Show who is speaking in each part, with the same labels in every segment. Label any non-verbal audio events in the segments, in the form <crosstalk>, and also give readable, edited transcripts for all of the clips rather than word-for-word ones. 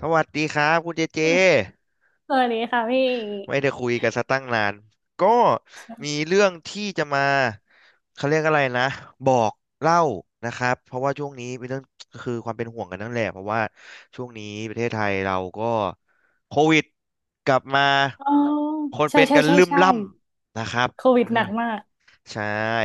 Speaker 1: สวัสดีครับคุณเจเจ
Speaker 2: สวัสดีค่ะพี่
Speaker 1: ไม่ได้คุยกันสัตั้งนานก็มีเรื่องที่จะมาเขาเรียกอะไรนะบอกเล่านะครับเพราะว่าช่วงนี้เป็นเรื่องคือความเป็นห่วงกันนั่นแหละเพราะว่าช่วงนี้ประเทศไทยเราก็โควิดกลับมา
Speaker 2: อ๋อ
Speaker 1: คน
Speaker 2: ใช่
Speaker 1: เป็น
Speaker 2: ใช่
Speaker 1: กัน
Speaker 2: ใช่
Speaker 1: ลืม
Speaker 2: ใช่
Speaker 1: ล่ำนะครับ
Speaker 2: โควิดหนักมาก
Speaker 1: ใช่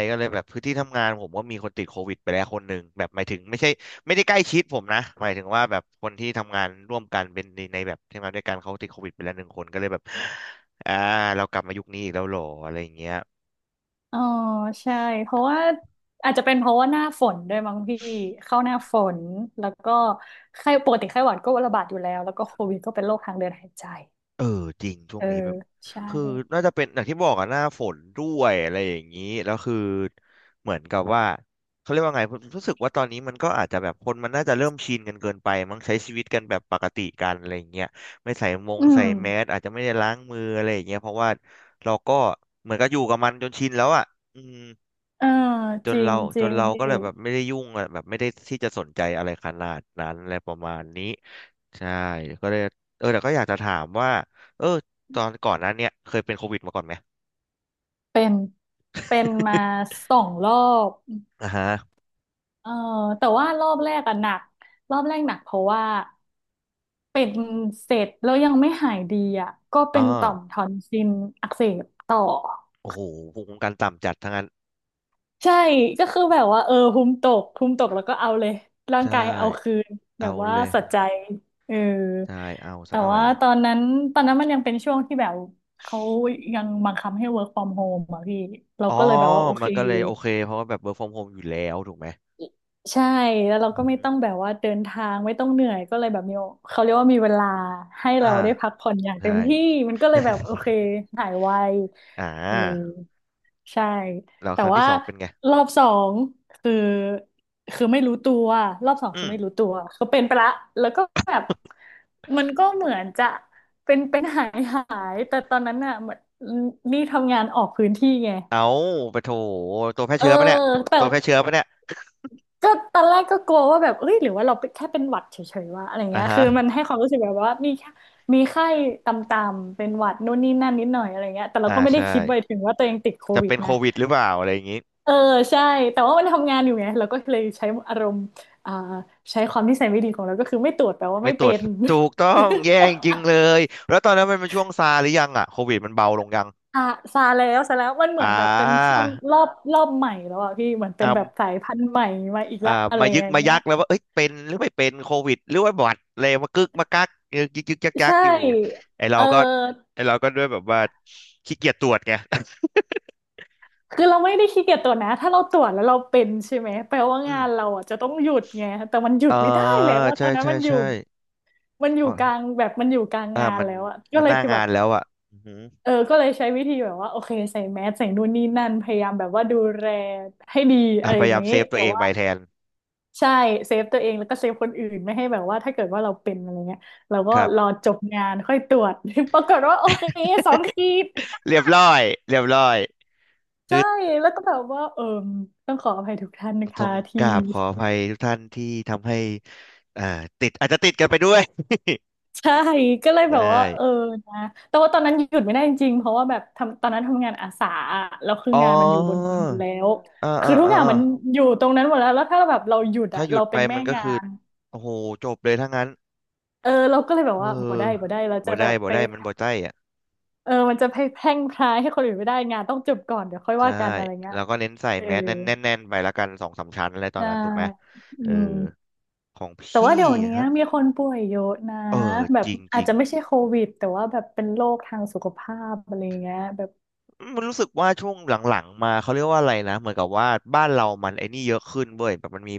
Speaker 1: ก็เลยแบบพื้นที่ทำงานผมก็มีคนติดโควิดไปแล้วคนหนึ่งแบบหมายถึงไม่ใช่ไม่ได้ใกล้ชิดผมนะหมายถึงว่าแบบคนที่ทำงานร่วมกันเป็นในในแบบที่ำงานด้วยกันเขาติดโควิดไปแล้วหนึ่งคนก็เลยแบบอ่าเรากลับมายุคนี้อีกแล้วเหรออะไรอย่างเงี้ย
Speaker 2: อ๋อใช่เพราะว่าอาจจะเป็นเพราะว่าหน้าฝนด้วยมั้งพี่เข้าหน้าฝนแล้วก็ไข้ปกติไข้หวัดก็ระบาดอยู่แล้วแล้วก็โควิดก็เป็นโรคทางเดินหายใจ
Speaker 1: เออจริงช่ว
Speaker 2: เอ
Speaker 1: ง
Speaker 2: อ
Speaker 1: นี้แบบ
Speaker 2: ใช่
Speaker 1: คือน่าจะเป็นอย่างที่บอกอะหน้าฝนด้วยอะไรอย่างนี้แล้วคือเหมือนกับว่าเขาเรียกว่าไงผมรู้สึกว่าตอนนี้มันก็อาจจะแบบคนมันน่าจะเริ่มชินกันเกินไปมั้งใช้ชีวิตกันแบบปกติกันอะไรอย่างเงี้ยไม่ใส่มง
Speaker 2: อื
Speaker 1: ใส่
Speaker 2: ม
Speaker 1: แมสอาจจะไม่ได้ล้างมืออะไรอย่างเงี้ยเพราะว่าเราก็เหมือนกับอยู่กับมันจนชินแล้วอะอืม
Speaker 2: เออ
Speaker 1: จ
Speaker 2: จ
Speaker 1: น
Speaker 2: ริ
Speaker 1: เรา
Speaker 2: งจ
Speaker 1: จ
Speaker 2: ริ
Speaker 1: น
Speaker 2: ง
Speaker 1: เรา
Speaker 2: พี่
Speaker 1: ก็เลยแบบไม่ได้ยุ่งอะแบบไม่ได้ที่จะสนใจอะไรขนาดนั้นอะไรประมาณนี้ใช่ก็เลยเออแต่ก็อยากจะถามว่าเออตอนก่อนหนั้นเนี่ยเคยเป็นโควิดมาก่อนไหม
Speaker 2: เป็นเป็นมา
Speaker 1: <laughs>
Speaker 2: 2 รอบ
Speaker 1: อ่าฮะ
Speaker 2: เออแต่ว่ารอบแรกอะหนักรอบแรกหนักเพราะว่า เป็นเสร็จแล้วยังไม่หายดีอ่ะก็
Speaker 1: อ๋
Speaker 2: เป็
Speaker 1: อ
Speaker 2: นต่อมทอนซิลอักเสบต่อ
Speaker 1: โอ้โหภูมิคุ้มกันต่ำจัดทั้งนั้น
Speaker 2: ใช่ก็คือแบบว่าเออภูมิตกแล้วก็เอาเลยร่า
Speaker 1: ใช
Speaker 2: งกายเอา
Speaker 1: ่
Speaker 2: คืนแบ
Speaker 1: เอา
Speaker 2: บว่า
Speaker 1: เลย
Speaker 2: สัใจเออ
Speaker 1: ใช่เอา
Speaker 2: แต่
Speaker 1: ซะหน่อย
Speaker 2: ว่าตอนนั้นมันยังเป็นช่วงที่แบบเขายังบังคับให้ work from home อ่ะพี่เรา
Speaker 1: อ๋อ
Speaker 2: ก็เลยแบบว่าโอ
Speaker 1: มั
Speaker 2: เค
Speaker 1: นก็เลยโอเคเพราะว่าแบบ work from home อยู่แล้วถูกไหม
Speaker 2: ใช่แล้วเราก็ไม่
Speaker 1: อืม
Speaker 2: ต้องแบบว่าเดินทางไม่ต้องเหนื่อยก็เลยแบบมีเขาเรียกว่ามีเวลาให้
Speaker 1: อ่า
Speaker 2: เราได้พักผ่อนอย่างเต็
Speaker 1: ใช่
Speaker 2: มที่มันก็เลยแบบโอเค
Speaker 1: <laughs>
Speaker 2: หายไว
Speaker 1: อ่
Speaker 2: เออ
Speaker 1: า
Speaker 2: ใช่
Speaker 1: แล้ว
Speaker 2: แต่
Speaker 1: ครั้งที่
Speaker 2: ว่า
Speaker 1: สองเป็นไง
Speaker 2: รอบสองคือคือไม่รู้ตัวรอบสองคื
Speaker 1: อื
Speaker 2: อ
Speaker 1: ม
Speaker 2: ไม่รู้ตัวคือเป็นไปละแล้วก็แบบมันก็เหมือนจะเป็นหายแต่ตอนนั้นน่ะเหมือนนี่ทำงานออกพื้นที่ไง
Speaker 1: เอาไปโถตัวแพร่
Speaker 2: เออ
Speaker 1: เชื้อปะเนี่ย
Speaker 2: แต่
Speaker 1: ตัวแพร่เชื้อปะเนี่ย
Speaker 2: ก็ตอนแรกก็กลัวว่าแบบเอ้ยหรือว่าเราเป็นแค่เป็นหวัดเฉยๆวะอะไร
Speaker 1: อ่า
Speaker 2: เงี้ย
Speaker 1: ฮะ
Speaker 2: คือมันให้ความรู้สึกแบบว่ามีแค่มีไข้ต่ำๆเป็นหวัดนู่นนี่นั่นนิดหน่อยอะไรเงี้ยแต่เรา
Speaker 1: อ่า
Speaker 2: ก็ไม่ได้
Speaker 1: ใช่
Speaker 2: คิดไปถึงว่าตัวเองติดโค
Speaker 1: จะ
Speaker 2: วิด
Speaker 1: เป็นโค
Speaker 2: นะ
Speaker 1: วิดหรือเปล่าอะไรอย่างงี้
Speaker 2: เออใช่แต่ว่ามันทำงานอยู่ไงเราก็เลยใช้อารมณ์อ่าใช้ความนิสัยไม่ดีของเราก็คือไม่ตรวจแปลว่า
Speaker 1: ไม่
Speaker 2: ไม่
Speaker 1: ตร
Speaker 2: เป็
Speaker 1: วจ
Speaker 2: น
Speaker 1: ถูกต้องแย่จริงๆเลยแล้วตอนนั้นมันเป็นช่วงซาหรือยังอ่ะโควิดมันเบาลงยัง
Speaker 2: <laughs> อ่ะซาแล้วซาแล้วมันเหมื
Speaker 1: อ่
Speaker 2: อนแบบเป็นช่
Speaker 1: า
Speaker 2: วงรอบใหม่แล้วอ่ะพี่เหมือนเป็นแบบสายพันธุ์ใหม่มาอีก
Speaker 1: อ่า
Speaker 2: ละอะไร
Speaker 1: มายึ
Speaker 2: อ
Speaker 1: ก
Speaker 2: ย่าง
Speaker 1: มา
Speaker 2: เงี้
Speaker 1: ยั
Speaker 2: ย
Speaker 1: กแล้วว่าเอ้ยเป็นหรือไม่เป็นโควิดหรือว่าบอดอะไรมากึกมากักยึกยึกยึกยักยั
Speaker 2: ใช่
Speaker 1: กอยู่ไอ
Speaker 2: เ
Speaker 1: เราก็
Speaker 2: ออ
Speaker 1: ไอเราก็ด้วยแบบว่าขี้เกียจตรวจไง <laughs>
Speaker 2: คือเราไม่ได้ขี้เกียจตรวจนะถ้าเราตรวจแล้วเราเป็นใช่ไหม แปลว่า
Speaker 1: อื
Speaker 2: งา
Speaker 1: ม
Speaker 2: นเราอ่ะจะต้องหยุดไง แต่มันหยุ
Speaker 1: เออ
Speaker 2: ดไม่ได้แล้วว่าต
Speaker 1: ใช่
Speaker 2: อนนั้น
Speaker 1: ใช่
Speaker 2: มันอยู่
Speaker 1: ใช่
Speaker 2: มันอ
Speaker 1: อ๋
Speaker 2: ยู่กลาง
Speaker 1: อ
Speaker 2: แบบมันอยู่กลาง
Speaker 1: อ่า
Speaker 2: งาน
Speaker 1: มัน
Speaker 2: แล้วอ่ะก็
Speaker 1: มัน
Speaker 2: เล
Speaker 1: ห
Speaker 2: ย
Speaker 1: น้า
Speaker 2: คือแบ
Speaker 1: งา
Speaker 2: บ
Speaker 1: นแล้วอ่ะอือหือ
Speaker 2: เออก็เลยใช้วิธีแบบว่าโอเคใส่แมสใส่นู่นนี่นั่น พยายามแบบว่าดูแลให้ดี
Speaker 1: อ่ะ
Speaker 2: อะไร
Speaker 1: พ
Speaker 2: อ
Speaker 1: ยา
Speaker 2: ย่าง
Speaker 1: ยาม
Speaker 2: นี้
Speaker 1: เซฟตัว
Speaker 2: แต่
Speaker 1: เอง
Speaker 2: ว่า
Speaker 1: ไปแทน
Speaker 2: ใช่เซฟตัวเองแล้วก็เซฟคนอื่นไม่ให้แบบว่าถ้าเกิดว่าเราเป็นอะไรเงี้ยเราก็
Speaker 1: ครั
Speaker 2: รอ
Speaker 1: บ
Speaker 2: จบงานค่อยตรวจ <laughs> ปรากฏว่าโอเคสองขีด
Speaker 1: เรียบร้อยเรียบร้อยคื
Speaker 2: ใช่
Speaker 1: อ
Speaker 2: แล้วก็แบบว่าเออต้องขออภัยทุกท่านนะ
Speaker 1: ต้อ
Speaker 2: คะ
Speaker 1: งก
Speaker 2: ที่
Speaker 1: ราบขออภัยทุกท่านที่ทำให้อ่าติดอาจจะติดกันไปด้วย
Speaker 2: ใช่
Speaker 1: <laughs>
Speaker 2: ก็เลยแบบ
Speaker 1: ได้
Speaker 2: ว่าเออนะแต่ว่าตอนนั้นหยุดไม่ได้จริงๆเพราะว่าแบบทำตอนนั้นทำงานอาสาอะแล้วคือ
Speaker 1: อ๋อ
Speaker 2: งานมันอยู่บนดอยหมดแล้ว
Speaker 1: อ่า
Speaker 2: คื
Speaker 1: อ่า
Speaker 2: อทุก
Speaker 1: อ่า
Speaker 2: อย่าง
Speaker 1: อ่า
Speaker 2: มันอยู่ตรงนั้นหมดแล้วแล้วถ้าแบบเราหยุด
Speaker 1: ถ้า
Speaker 2: อะ
Speaker 1: หยุ
Speaker 2: เรา
Speaker 1: ดไป
Speaker 2: เป็นแม่
Speaker 1: มันก็
Speaker 2: งา
Speaker 1: คือ
Speaker 2: น
Speaker 1: โอ้โหจบเลยถ้างั้น
Speaker 2: เออเราก็เลยแบบ
Speaker 1: เ
Speaker 2: ว่าบ่ได้บ่
Speaker 1: ออ
Speaker 2: ได้เราจะ
Speaker 1: บ่
Speaker 2: แบ
Speaker 1: ได้
Speaker 2: บ
Speaker 1: บ่
Speaker 2: ไป
Speaker 1: ได้มันบ่ใจอ่ะ
Speaker 2: เออมันจะไปแพร่งพรายให้คนอื่นไม่ได้งานต้องจบก่อนเดี๋ยวค่อย
Speaker 1: ใช่
Speaker 2: ว่ากันอะไรเงี้ย
Speaker 1: แล้วก็เน้นใส่
Speaker 2: เออ
Speaker 1: แมสแน่นแน่นแน่นไปละกันสองสามชั้นอะไรตอน
Speaker 2: ใช่
Speaker 1: นั้นถูกไหม
Speaker 2: อื
Speaker 1: เออ
Speaker 2: ม
Speaker 1: ของพ
Speaker 2: แต่ว่า
Speaker 1: ี่
Speaker 2: เดี๋ยวนี้
Speaker 1: ฮะ
Speaker 2: มีคนป่วยเยอะนะ
Speaker 1: เออ
Speaker 2: แบ
Speaker 1: จ
Speaker 2: บ
Speaker 1: ริงจ
Speaker 2: อาจ
Speaker 1: ริง
Speaker 2: จะไม่ใช่โควิดแต่ว่าแบบเป็นโรคทางสุขภาพอะไรเงี้ยแบบ
Speaker 1: มันรู้สึกว่าช่วงหลังๆมาเขาเรียกว่าอะไรนะเหมือนกับว่าบ้านเรามันไอ้นี่เยอะขึ้นเว้ยแบบมันมี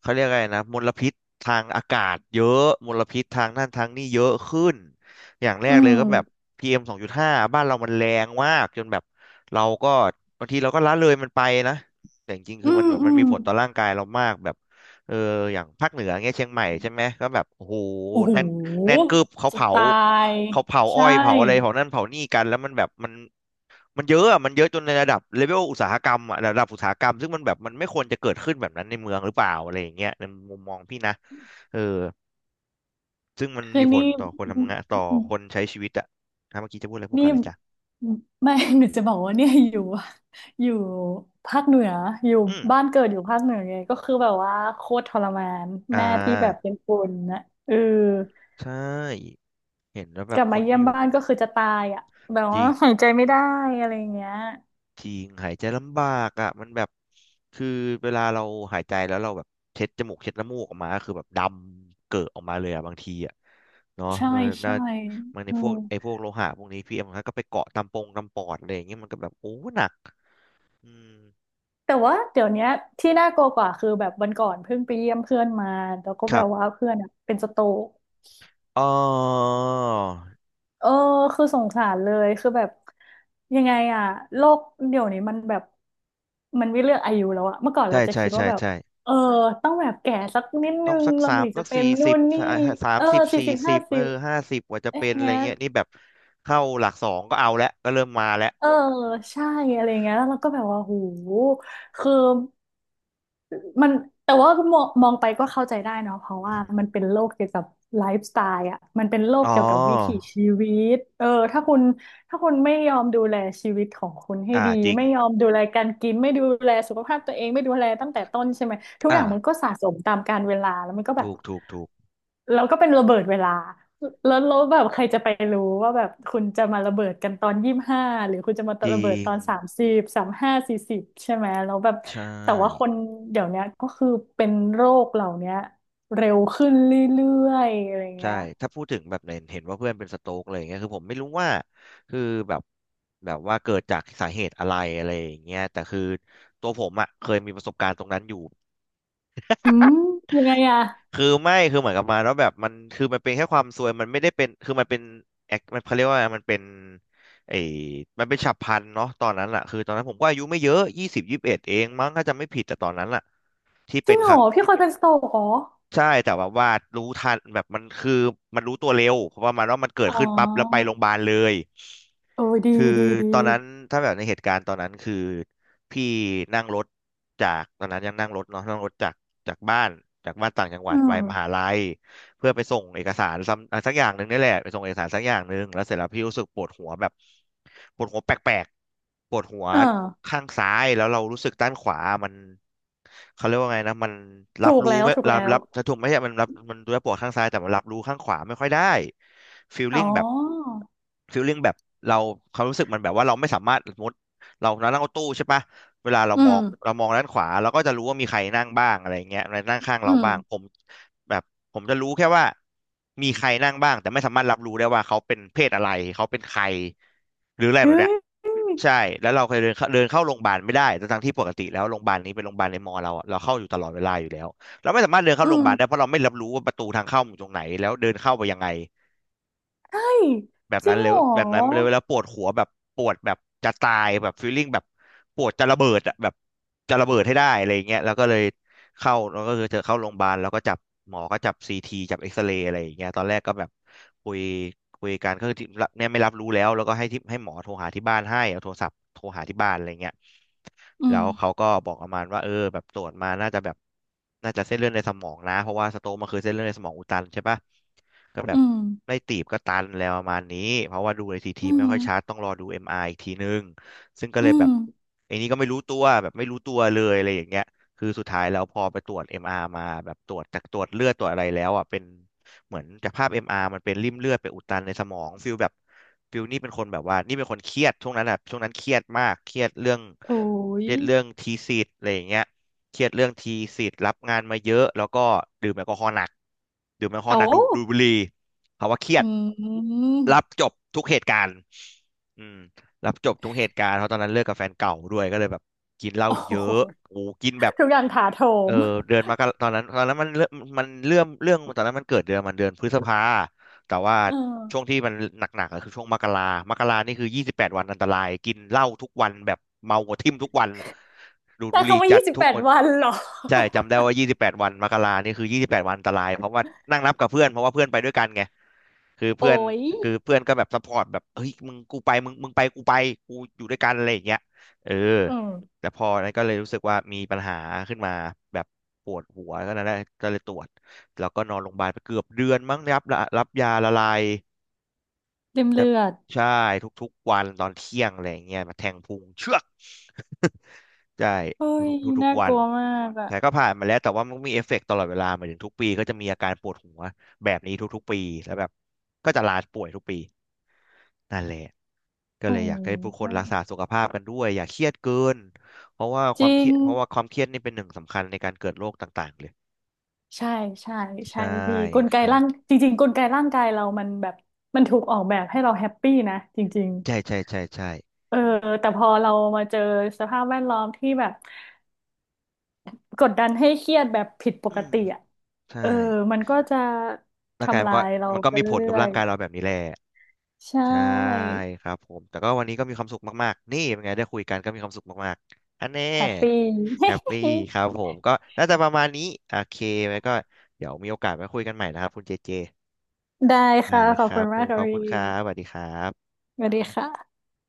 Speaker 1: เขาเรียกอะไรนะมลพิษทางอากาศเยอะมลพิษทางนั่นทางนี่เยอะขึ้นอย่างแร
Speaker 2: อื
Speaker 1: กเลยก็แบบ
Speaker 2: ม
Speaker 1: PM2.5บ้านเรามันแรงมากจนแบบเราก็บางทีเราก็ละเลยมันไปนะแต่จริงๆ
Speaker 2: อื
Speaker 1: คือมัน
Speaker 2: ม
Speaker 1: แบบ
Speaker 2: อื
Speaker 1: มัน
Speaker 2: ม
Speaker 1: มีผลต่อร่างกายเรามากแบบเอออย่างภาคเหนือเงี้ยเชียงใหม่ใช่ไหมก็แบบโอ้โห
Speaker 2: โอ้โห
Speaker 1: แน่นแน่นกึบเขา
Speaker 2: จะ
Speaker 1: เผา
Speaker 2: ตาย
Speaker 1: เขาเผาอ้อ
Speaker 2: ใช่
Speaker 1: ยเผาอะไรเผานั่นเผานี่กันแล้วมันแบบมัน มันเยอะอะมันเยอะจนในระดับเลเวลอุตสาหกรรมอะระดับอุตสาหกรรมซึ่งมันแบบมันไม่ควรจะเกิดขึ้นแบบนั้นในเมืองหรือเปล่าอะไรอย่างเงี้ยในมุมมองพี่นะเออซึ่งมัน
Speaker 2: คือ
Speaker 1: มีผ
Speaker 2: นี่
Speaker 1: ลต่อคนทำงานต่อคนใช้ชีวิตอะถ้าเมื่อกี้จะพูดอะไรพูด
Speaker 2: นี่
Speaker 1: ก่อนเลยจ้ะ
Speaker 2: ไม่ <laughs> หนูจะบอกว่าเนี่ยอยู่ภาคเหนืออยู่
Speaker 1: อืม
Speaker 2: บ้านเกิดอยู่ภาคเหนือไงก็คือแบบว่าโคตรทรมาน
Speaker 1: อ่า
Speaker 2: แม่ที่แบบเป็นคนนะเออ
Speaker 1: ใช่เห็นแล้วแบ
Speaker 2: ก
Speaker 1: บ
Speaker 2: ลับ
Speaker 1: ค
Speaker 2: มา
Speaker 1: น
Speaker 2: เยี่ย
Speaker 1: ที่
Speaker 2: ม
Speaker 1: อยู่
Speaker 2: บ้านก็คือจะตายอ่ะแบบ
Speaker 1: จริ
Speaker 2: ว่า
Speaker 1: ง
Speaker 2: หายใจไม่ได้อะไรอย่างเงี้ย
Speaker 1: จริงหายใจลำบากอ่ะมันแบบคือเวลาเราหายใจแล้วเราแบบเช็ดจมูกเช็ดน้ำมูกออกมาก็คือแบบดำเกิดออกมาเลยอ่ะบางทีอ่ะเนาะ
Speaker 2: ใช่
Speaker 1: ก็น่า
Speaker 2: ใช่
Speaker 1: มันใน
Speaker 2: อื
Speaker 1: พว
Speaker 2: ม
Speaker 1: กไอ้พวกโลหะพวกนี้พี่เอ็มก็ไปเกาะตามปงตามปอดอะไรอย่างเงี้ยมันก็แบบโอ้หนักอืม
Speaker 2: แต่ว่าเดี๋ยวเนี้ยที่น่ากลัวกว่าคือแบบวันก่อนเพิ่งไปเยี่ยมเพื่อนมาแล้วก็
Speaker 1: ค
Speaker 2: แบ
Speaker 1: รั
Speaker 2: บว่า
Speaker 1: บ
Speaker 2: เพื่อนอะเป็นสโตรก
Speaker 1: อ๋อ
Speaker 2: เออคือสงสารเลยคือแบบยังไงอะโลกเดี๋ยวนี้มันแบบมันไม่เลือกอายุแล้วอะเมื่อก่อน
Speaker 1: ใช่
Speaker 2: เราจะ
Speaker 1: ใช่
Speaker 2: คิด
Speaker 1: ใช่
Speaker 2: ว่าแบบ
Speaker 1: ใช่
Speaker 2: เออต้องแบบแก่สักนิด
Speaker 1: ต้
Speaker 2: นึ
Speaker 1: อง
Speaker 2: ง
Speaker 1: สัก
Speaker 2: เรา
Speaker 1: สาม
Speaker 2: ถึง
Speaker 1: สั
Speaker 2: จะ
Speaker 1: ก
Speaker 2: เป็น
Speaker 1: สี่
Speaker 2: นู่
Speaker 1: สิบ
Speaker 2: นนี่
Speaker 1: สาม
Speaker 2: เออ
Speaker 1: สิบ
Speaker 2: สี่
Speaker 1: สี่
Speaker 2: สิบ
Speaker 1: สิ
Speaker 2: ห้า
Speaker 1: บเอ
Speaker 2: สิ
Speaker 1: อ
Speaker 2: บ
Speaker 1: 50กว่าจะ
Speaker 2: อ
Speaker 1: เป็น
Speaker 2: ย่าง
Speaker 1: อะไร
Speaker 2: เงี้ย
Speaker 1: เงี้ยนี่แบบเข้าหลักสองก็เอาแล้วก็เริ่มมาแล้ว
Speaker 2: เออใช่อะไรเงี้ยแล้วเราก็แบบว่าโหคือ มันแต่ว่ามองมองไปก็เข้าใจได้เนาะเพราะว่ามันเป็นโลกเกี่ยวกับไลฟ์สไตล์อ่ะมันเป็นโลก
Speaker 1: อ๋
Speaker 2: เกี่ยวกับวิถี
Speaker 1: อ
Speaker 2: ชีวิตเออถ้าคุณ ถ้าคุณไม่ยอมดูแลชีวิตของคุณให้
Speaker 1: อ่า
Speaker 2: ดี
Speaker 1: จริง
Speaker 2: ไม่ยอมดูแลการกินไม่ดูแลสุขภาพตัวเองไม่ดูแลตั้งแต่ต้นใช่ไหมทุกอ
Speaker 1: อ่า
Speaker 2: ย่างมันก็สะสมตามกาลเวลาแล้วมันก็แบบ
Speaker 1: ถูกถูกถูก
Speaker 2: เราก็เป็นระเบิดเวลาแล้วแล้วแบบใครจะไปรู้ว่าแบบคุณจะมาระเบิดกันตอน25หรือคุณจะมา
Speaker 1: จ
Speaker 2: ระ
Speaker 1: ริ
Speaker 2: เบิดต
Speaker 1: ง
Speaker 2: อนสามสิบสามห้าสี่สิบใช่ไหมแล้วแบบ
Speaker 1: ใช่
Speaker 2: แต่ว่าคนเดี๋ยวเนี้ยก็คือเป็นโรคเหล่าเนี้ยเร็วขึ้นเรื่อยๆอะไร
Speaker 1: ใช่
Speaker 2: เงี้ย
Speaker 1: ถ้าพูดถึงแบบเห็นเห็นว่าเพื่อนเป็นสโตรกอะไรอย่างเงี้ยคือผมไม่รู้ว่าคือแบบแบบว่าเกิดจากสาเหตุอะไรอะไรอย่างเงี้ยแต่คือตัวผมอ่ะเคยมีประสบการณ์ตรงนั้นอยู่
Speaker 2: อืม
Speaker 1: <laughs>
Speaker 2: ยังไงอะ
Speaker 1: คือไม่คือเหมือนกับมาแล้วแบบมันคือมันเป็นแค่ความซวยมันไม่ได้เป็นคือมันเป็นแอคมันเขาเรียกว่ามันเป็นไอ้มันเป็นฉับพลันเนาะตอนนั้นแหละคือตอนนั้นผมก็อายุไม่เยอะยี่สิบยี่สิบเอ็ดเองมั้งถ้าจำไม่ผิดแต่ตอนนั้นแหละที่
Speaker 2: จ
Speaker 1: เป็
Speaker 2: ริ
Speaker 1: น
Speaker 2: งเห
Speaker 1: ค
Speaker 2: ร
Speaker 1: รั้
Speaker 2: อ
Speaker 1: ง
Speaker 2: พี่เคยเป็นสโตรกเหรอ
Speaker 1: ใช่แต่แบบว่ารู้ทันแบบมันคือมันรู้ตัวเร็วเพราะว่ามันว่ามันเกิด
Speaker 2: อ๋อ
Speaker 1: ขึ้นปั๊บแล้วไปโรงพยาบาลเลย
Speaker 2: โอ้ยดี
Speaker 1: คือ
Speaker 2: ดีดี
Speaker 1: ตอนนั้นถ้าแบบในเหตุการณ์ตอนนั้นคือพี่นั่งรถจากตอนนั้นยังนั่งรถเนาะนั่งรถจากจากบ้านจากบ้านต่างจังหวั
Speaker 2: อื
Speaker 1: ดไปมหา
Speaker 2: ม
Speaker 1: ลัย เพื่อไปส่งเอกสารซ้ำสักอย่างหนึ่งนี่แหละไปส่งเอกสารสักอย่างหนึ่งแล้วเสร็จแล้วพี่รู้สึกปวดหัวแบบปวดหัวแปลกๆปวดหัว
Speaker 2: เออ
Speaker 1: ข้างซ้ายแล้วเรารู้สึกด้านขวามันเขาเรียกว่าไงนะมันรั
Speaker 2: ถู
Speaker 1: บ
Speaker 2: ก
Speaker 1: รู้
Speaker 2: แล้ว
Speaker 1: ไม่
Speaker 2: ถูก
Speaker 1: รั
Speaker 2: แล้
Speaker 1: บ
Speaker 2: ว
Speaker 1: รับถ้าถูกไม่ใช่มันรับมันตัวปวดข้างซ้ายแต่มันรับรู้ข้างขวาไม่ค่อยได้ฟีล
Speaker 2: อ๋
Speaker 1: ลิ่ง
Speaker 2: อ
Speaker 1: แบบฟีลลิ่งแบบเราเขารู้สึกมันแบบว่าเราไม่สามารถสมมติเรานั่งรถตู้ใช่ปะ เวลาเรา
Speaker 2: อื
Speaker 1: มอ
Speaker 2: ม
Speaker 1: งเรามองด้านขวาเราก็จะรู้ว่ามีใครนั่งบ้างอะไรเงี้ยนั่งข้าง
Speaker 2: อื
Speaker 1: เราบ้างผ
Speaker 2: ม
Speaker 1: มแบบผมจะรู้แค่ว่ามีใครนั่งบ้างแต่ไม่สามารถรับรู้ได้ว่าเขาเป็นเพศอะไรเขาเป็นใครหรืออะไรแบบ
Speaker 2: เฮ้
Speaker 1: เนี้ย
Speaker 2: ย
Speaker 1: ใช่แล้วเราเคยเดินเข้าเดินเข้าโรงพยาบาลไม่ได้ทั้งๆที่ปกติแล้วโรงพยาบาลนี้เป็นโรงพยาบาลในมอเราอะเราเข้าอยู่ตลอดเวลาอยู่แล้วเราไม่สามารถเดินเข้า
Speaker 2: อื
Speaker 1: โรงพยาบาลได้เพ
Speaker 2: ม
Speaker 1: ราะเราไม่รับรู้ว่าประตูทางเข้ามันอยู่ตรงไหนแล้วเดินเข้าไปยังไง
Speaker 2: ใช่
Speaker 1: แบบ
Speaker 2: จริ
Speaker 1: นั้น
Speaker 2: ง
Speaker 1: เลย
Speaker 2: เหรอ
Speaker 1: แบบนั้นเลยแล้วปวดหัวแบบปวดแบบจะตายแบบฟีลลิ่งแบบปวดจะระเบิดอะแบบจะระเบิดให้ได้อะไรอย่างเงี้ยแล้วก็เลยเข้าแล้วก็คือเธอเข้าโรงพยาบาลแล้วก็จับหมอก็จับซีทีจับเอ็กซเรย์อะไรอย่างเงี้ยตอนแรกก็แบบคุยคุยกันก็คือที่เนี่ยไม่รับรู้แล้วแล้วก็ให้ที่ให้หมอโทรหาที่บ้านให้เอาโทรศัพท์โทรหาที่บ้านอะไรเงี้ย
Speaker 2: อื
Speaker 1: แล้
Speaker 2: ม
Speaker 1: วเขาก็บอกประมาณว่าเออแบบตรวจมาน่าจะแบบน่าจะเส้นเลือดในสมองนะเพราะว่าสโตรกมันคือเส้นเลือดในสมองอุดตันใช่ปะก็แบ
Speaker 2: อื
Speaker 1: บ
Speaker 2: ม
Speaker 1: ไม่ตีบก็ตันแล้วประมาณนี้เพราะว่าดูในซีที
Speaker 2: อื
Speaker 1: ไม่
Speaker 2: ม
Speaker 1: ค่อยชัดต้องรอดูเอ็มไออีกทีนึงซึ่งก็
Speaker 2: อื
Speaker 1: เลยแบ
Speaker 2: ม
Speaker 1: บไอ้นี่ก็ไม่รู้ตัวแบบไม่รู้ตัวเลยอะไรอย่างเงี้ยคือสุดท้ายแล้วพอไปตรวจเอ็มอาร์มาแบบตรวจจากตรวจเลือดตรวจอะไรแล้วอ่ะเป็น เหมือนจากภาพ MR มอาร์มันเป็นริ่มเลือดไปอุดตันในสมองฟิลแบบฟิลนี่เป็นคนแบบว่านี่เป็นคนเครียดช่วงนั้นอะช่วงนั้นเครียดมากเครียดเรื่อง
Speaker 2: โอ้
Speaker 1: เค
Speaker 2: ย
Speaker 1: รียดเรื่องทีสิทธ์อะไรอย่างเงี้ยเครียดเรื่องทีสิทธ์รับงานมาเยอะแล้วก็ดื่มแอลกอฮอล์หนักดื่มแอลกอฮอล์
Speaker 2: โอ้
Speaker 1: หนักดูดูดบุหรี่ภาวะเครีย
Speaker 2: อื
Speaker 1: ด
Speaker 2: ม
Speaker 1: รับจบทุกเหตุการณ์อืมรับจบทุกเหตุการณ์เพราะตอนนั้นเลิกกับแฟนเก่าด้วยก็เลยแบบกินเหล้า
Speaker 2: โอ้
Speaker 1: เย
Speaker 2: โห
Speaker 1: อะโอ้กินแบบ
Speaker 2: ทุกอย่างถาโถ
Speaker 1: เออ
Speaker 2: ม
Speaker 1: เดือนมกราตอนนั้นตอนนั้นมันเริ่มมันเรื่องเรื่องตอนนั้นมันเกิดเดือนมันเดือนพฤษภาแต่ว่า
Speaker 2: เอ
Speaker 1: ช่วง
Speaker 2: อ
Speaker 1: ที่มันหนักๆก็คือช่วงมกรามกรานี่คือยี่สิบแปดวันอันตรายกินเหล้าทุกวันแบบเมาหัวทิ่มทุกวันดูด
Speaker 2: แต่
Speaker 1: บุหรี่
Speaker 2: คำว่า
Speaker 1: จัด
Speaker 2: ยี่สิบ
Speaker 1: ทุ
Speaker 2: แป
Speaker 1: ก
Speaker 2: ด
Speaker 1: วัน
Speaker 2: วันเหรอ
Speaker 1: ใช่จำได้ว่ายี่สิบแปดวันมกรานี่คือยี่สิบแปดวันอันตรายเพราะว่านั่งนับกับเพื่อนเพราะว่าเพื่อนไปด้วยกันไง คือ
Speaker 2: โอ้
Speaker 1: เพื่อน
Speaker 2: ย
Speaker 1: คือเพื่อนก็แบบซัพพอร์ตแบบเฮ้ยมึงกูไปมึงมึงไปกูไปกูอยู่ด้วยกันอะไรอย่างเงี้ยเออ
Speaker 2: อืม
Speaker 1: แต่พอนั้นก็เลยรู้สึกว่ามีปัญหาขึ้นมาแบบปวดหัวก็นั้นแหละก็เลยตรวจแล้วก็นอนโรงพยาบาลไปเกือบเดือนมั้งรับรับยาละลาย
Speaker 2: เต็ม
Speaker 1: ครับ
Speaker 2: เลือด
Speaker 1: ใช่ทุกๆวันตอนเที่ยงอะไรอย่างเงี้ยมาแทงพุงเชือก ใช่
Speaker 2: เฮ้ย
Speaker 1: ทุกๆทุก
Speaker 2: น่า
Speaker 1: ๆวั
Speaker 2: ก
Speaker 1: น
Speaker 2: ลัวมากอะ
Speaker 1: แต่ก็ผ่านมาแล้วแต่ว่ามันมีเอฟเฟกต์ตลอดเวลาเหมายถึงทุกปีก็จะมีอาการปวดหัวแบบนี้ทุกๆปีแล้วแบบก็จะลาป่วยทุกปีนั่นแหละก็
Speaker 2: โอ้
Speaker 1: เลยอยากให้ผู้คนรักษา
Speaker 2: ห
Speaker 1: สุขภาพกันด้วยอย่าเครียดเกินเพราะว่าค
Speaker 2: จ
Speaker 1: วาม
Speaker 2: ริ
Speaker 1: เครี
Speaker 2: ง
Speaker 1: ยดเพราะว่าความเครียดนี่เป็นหนึ่งสำคัญในการเกิดโรคต่างๆเลย
Speaker 2: ใช่ใช่ใช่
Speaker 1: ใช่
Speaker 2: พี่กล
Speaker 1: ค
Speaker 2: ไก
Speaker 1: รั
Speaker 2: ร่าง
Speaker 1: บ
Speaker 2: จริงๆกลไกร่างกายเรามันแบบมันถูกออกแบบให้เราแฮปปี้นะจริง
Speaker 1: ใช่ใช่ใช่ใช่
Speaker 2: ๆเออแต่พอเรามาเจอสภาพแวดล้อมที่แบบกดดันให้เครียดแบบผิดป
Speaker 1: อื
Speaker 2: ก
Speaker 1: ม
Speaker 2: ติอ่ะ
Speaker 1: ใช่
Speaker 2: เออมันก็จะ
Speaker 1: ร่างกาย
Speaker 2: ทำ
Speaker 1: มัน
Speaker 2: ลา
Speaker 1: ก็
Speaker 2: ยเรา
Speaker 1: มันก็
Speaker 2: ไป
Speaker 1: มีผล
Speaker 2: เรื่
Speaker 1: กับ
Speaker 2: อ
Speaker 1: ร่า
Speaker 2: ย
Speaker 1: งกายเราแบบนี้แหละ
Speaker 2: ๆใช
Speaker 1: ใช่
Speaker 2: ่
Speaker 1: ครับผมแต่ก็วันนี้ก็มีความสุขมากๆนี่เป็นไงได้คุยกันก็มีความสุขมากๆอันแน่
Speaker 2: แฮปปี้
Speaker 1: แฮปปี้ครับผมก็น่าจะประมาณนี้โอเคไว้ก็เดี๋ยวมีโอกาสมาคุยกันใหม่นะครับคุณเจเจ
Speaker 2: <laughs> ได้ค่ะ
Speaker 1: ได้
Speaker 2: ขอ
Speaker 1: ค
Speaker 2: บ
Speaker 1: รั
Speaker 2: คุ
Speaker 1: บ
Speaker 2: ณ
Speaker 1: ผ
Speaker 2: มาก
Speaker 1: มข
Speaker 2: ค่ะ
Speaker 1: อบคุ
Speaker 2: พี่
Speaker 1: ณครับสวัสดีครับ
Speaker 2: สวัสดีค่ะ